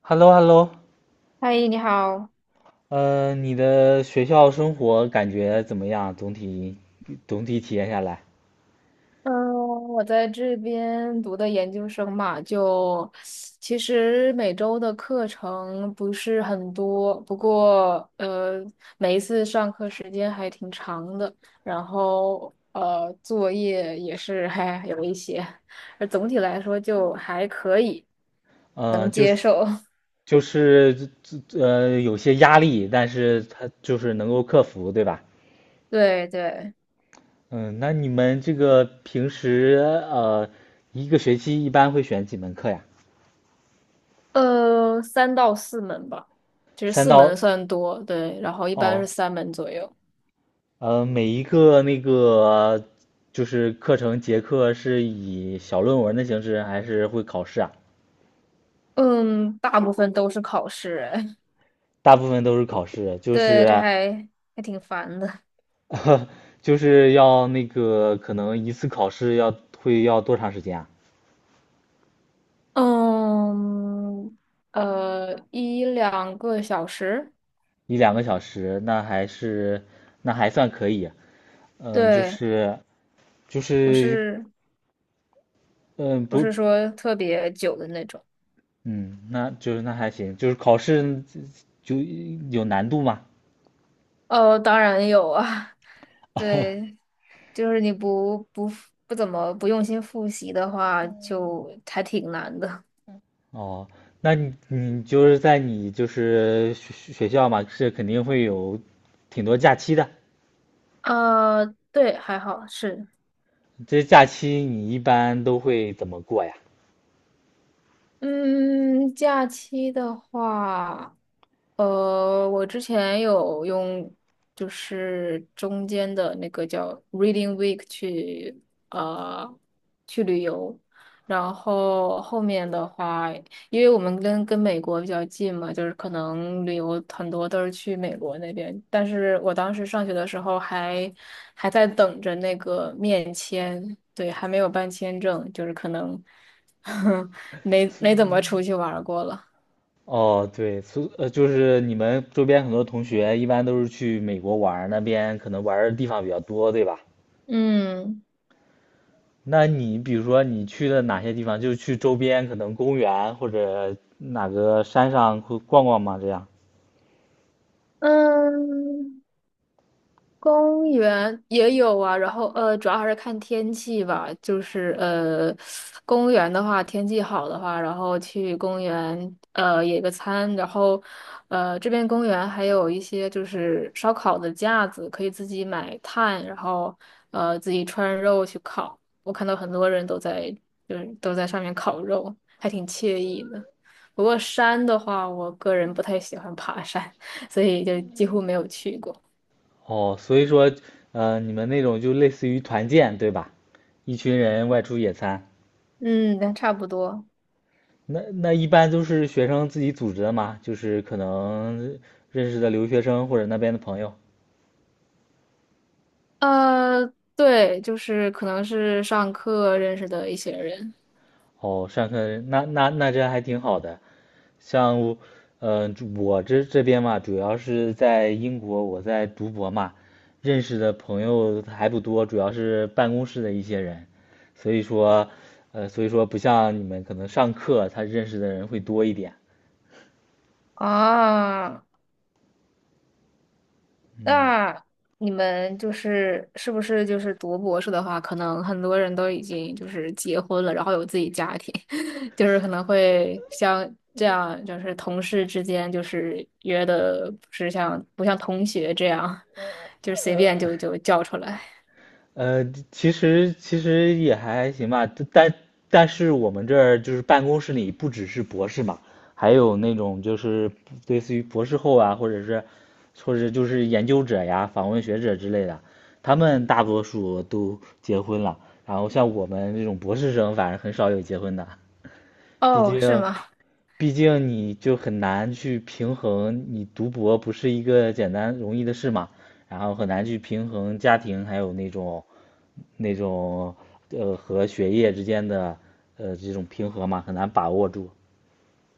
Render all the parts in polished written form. h e l l o h e l l o 嗨，你好。你的学校生活感觉怎么样？总体体验下来，嗯，我在这边读的研究生嘛，就其实每周的课程不是很多，不过每一次上课时间还挺长的，然后作业也是还有一些，而总体来说就还可以，呃，能就接是受。就是呃有些压力，但是它就是能够克服，对吧？对对，嗯，那你们这个平时呃一个学期一般会选几门课呀？三到四门吧，其实三四到门算多，对，然后一般是哦，三门左右。每一个就是课程结课是以小论文的形式，还是会考试啊？嗯，大部分都是考试，哎，大部分都是考试，就对，是。 还挺烦的。就是要那个可能一次考试要会要多长时间啊？嗯，一两个小时，一两个小时，那还是那还算可以。嗯，就对，是就不是是嗯不不是说特别久的那种。嗯，那就是那还行，就是考试就有难度嘛。哦，当然有啊，对，就是你不不不怎么不用心复习的话，就还挺难的。哦，那你就是在你就是学校嘛，是肯定会有挺多假期的。啊，对，还好是。这假期你一般都会怎么过呀？嗯，假期的话，我之前有用，就是中间的那个叫 Reading Week 去，呃，去旅游，然后后面的话。因为我们跟美国比较近嘛，就是可能旅游很多都是去美国那边。但是我当时上学的时候还在等着那个面签，对，还没有办签证，就是可能 没怎么出去玩儿过了。哦，对，就是你们周边很多同学一般都是去美国玩儿，那边可能玩儿的地方比较多，对吧？嗯那你比如说你去了哪些地方？就是去周边可能公园或者哪个山上会逛逛吗？这样。嗯，公园也有啊，然后主要还是看天气吧。就是公园的话，天气好的话，然后去公园野个餐，然后这边公园还有一些就是烧烤的架子，可以自己买炭，然后自己穿肉去烤。我看到很多人都在就是都在上面烤肉，还挺惬意的。不过山的话，我个人不太喜欢爬山，所以就几乎没有去过。哦，所以说，你们那种就类似于团建，对吧？一群人外出野餐，嗯，那差不多。那一般都是学生自己组织的嘛，就是可能认识的留学生或者那边的朋友。呃，对，就是可能是上课认识的一些人。哦，上课那这还挺好的。像我，我这边嘛，主要是在英国，我在读博嘛，认识的朋友还不多，主要是办公室的一些人，所以说，所以说不像你们可能上课他认识的人会多一点。啊，嗯，那你们就是是不是就是读博士的话，可能很多人都已经就是结婚了，然后有自己家庭，就是可能会像这样，就是同事之间就是约的不像同学这样，就是随便就叫出来。呃，其实也还行吧，但但是我们这儿就是办公室里不只是博士嘛，还有那种就是类似于博士后啊，或者就是研究者呀、访问学者之类的，他们大多数都结婚了，然后像我们这种博士生，反正很少有结婚的。毕哦，竟，是吗？毕竟你就很难去平衡，你读博不是一个简单容易的事嘛，然后很难去平衡家庭还有那种和学业之间的这种平衡嘛，很难把握住。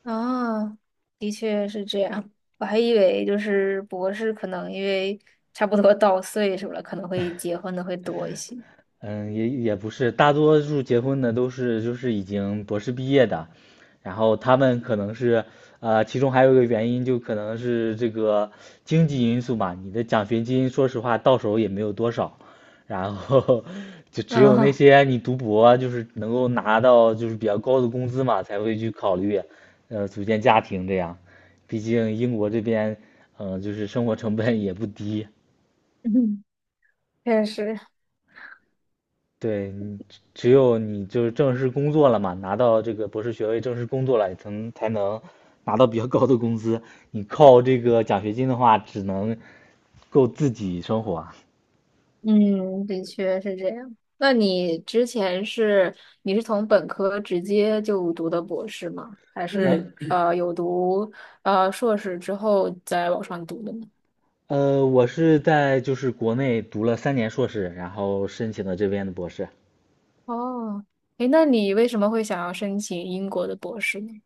啊，的确是这样。我还以为就是博士可能因为差不多到岁数了，可能会结婚的会多一些。嗯，也不是，大多数结婚的都是就是已经博士毕业的，然后他们可能是，其中还有一个原因就可能是这个经济因素嘛，你的奖学金说实话到手也没有多少，然后 就只有那啊，些你读博就是能够拿到就是比较高的工资嘛，才会去考虑，组建家庭这样，毕竟英国这边，就是生活成本也不低。嗯，确实，对，只有你就是正式工作了嘛，拿到这个博士学位，正式工作了，才能拿到比较高的工资。你靠这个奖学金的话，只能够自己生活。嗯，的确是这样。那你之前是你是从本科直接就读的博士吗？还是呃有读硕士之后再往上读的呢？我是在就是国内读了三年硕士，然后申请的这边的博士。哦，诶，那你为什么会想要申请英国的博士呢？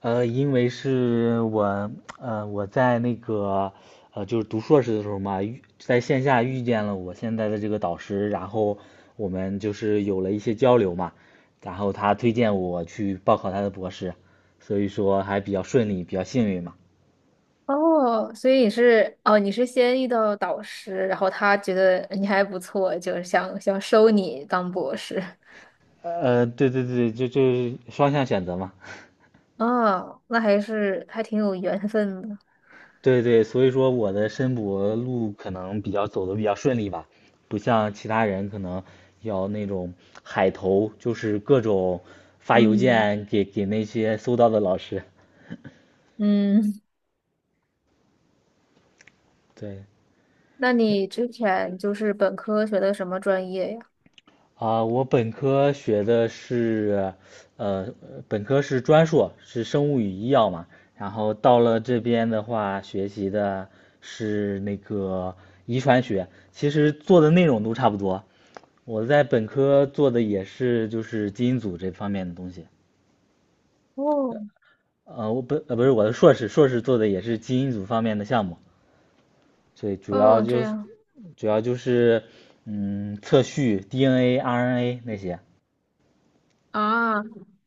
因为是我，我在那个，就是读硕士的时候嘛，在线下遇见了我现在的这个导师，然后我们就是有了一些交流嘛，然后他推荐我去报考他的博士，所以说还比较顺利，比较幸运嘛。哦，所以你是哦，你是先遇到导师，然后他觉得你还不错，就是想收你当博士。对，就是双向选择嘛。哦，那还是还挺有缘分的。对对，所以说我的申博路可能比较走的比较顺利吧，不像其他人可能要那种海投，就是各种发邮嗯件给那些搜到的老师。嗯，对，那你之前就是本科学的什么专业呀？啊，我本科学的是，呃，本科是专硕，是生物与医药嘛。然后到了这边的话，学习的是那个遗传学，其实做的内容都差不多。我在本科做的也是就是基因组这方面的东西。哦不是我的硕士，硕士做的也是基因组方面的项目，所以哦，这样。主要就是嗯测序 DNA、RNA 那些。啊，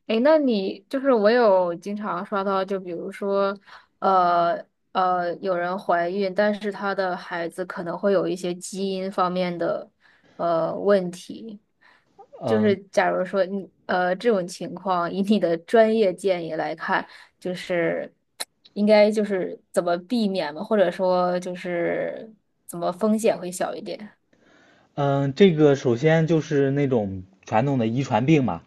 哎，那你就是我有经常刷到，就比如说，呃有人怀孕，但是她的孩子可能会有一些基因方面的问题，就是嗯，假如说你这种情况，以你的专业建议来看，就是应该就是怎么避免嘛，或者说就是怎么风险会小一点？嗯，这个首先就是那种传统的遗传病嘛，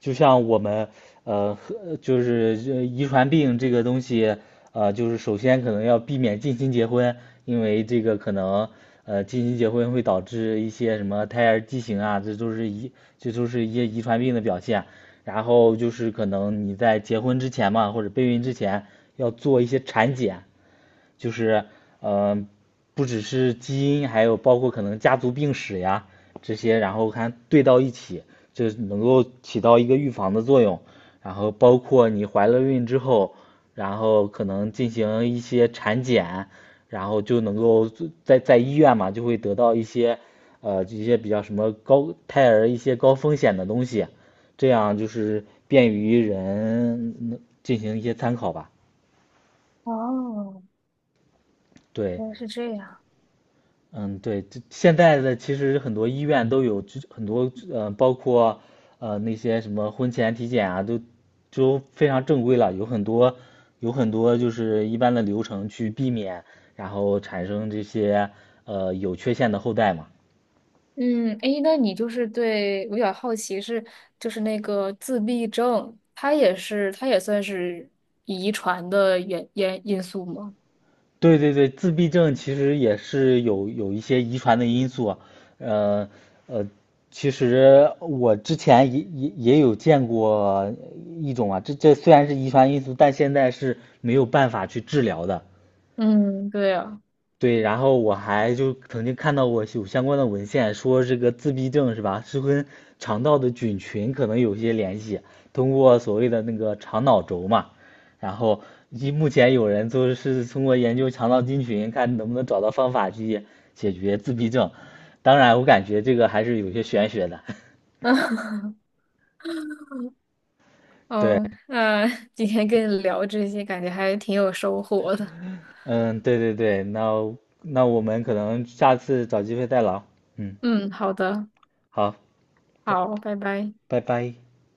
就像我们呃，和就是呃遗传病这个东西，就是首先可能要避免近亲结婚，因为这个可能近亲结婚会导致一些什么胎儿畸形啊，这都是一些遗传病的表现。然后就是可能你在结婚之前嘛，或者备孕之前要做一些产检，就是，呃，不只是基因，还有包括可能家族病史呀这些，然后看对到一起，就能够起到一个预防的作用。然后包括你怀了孕之后，然后可能进行一些产检，然后就能够在医院嘛，就会得到一些一些比较什么高胎儿一些高风险的东西，这样就是便于人嗯进行一些参考吧。哦，对，原来是这样。嗯，对，这现在的其实很多医院都有这很多包括那些什么婚前体检啊，都非常正规了，有很多就是一般的流程去避免，然后产生这些有缺陷的后代嘛。嗯，诶，那你就是对我比较好奇是，就是那个自闭症，它也是它也算是遗传的因素吗？对，自闭症其实也是有一些遗传的因素啊，呃呃，其实我之前也有见过一种啊，这虽然是遗传因素，但现在是没有办法去治疗的。嗯，对啊，对，然后我还就曾经看到过有相关的文献，说这个自闭症是吧，是跟肠道的菌群可能有些联系，通过所谓的那个肠脑轴嘛，然后目前有人就是通过研究肠道菌群，看能不能找到方法去解决自闭症。当然，我感觉这个还是有些玄学的。对，嗯，那 今天跟你聊这些，感觉还挺有收获的。嗯，对，那我们可能下次找机会再聊。嗯，嗯，好的，好，拜好，拜拜。拜拜。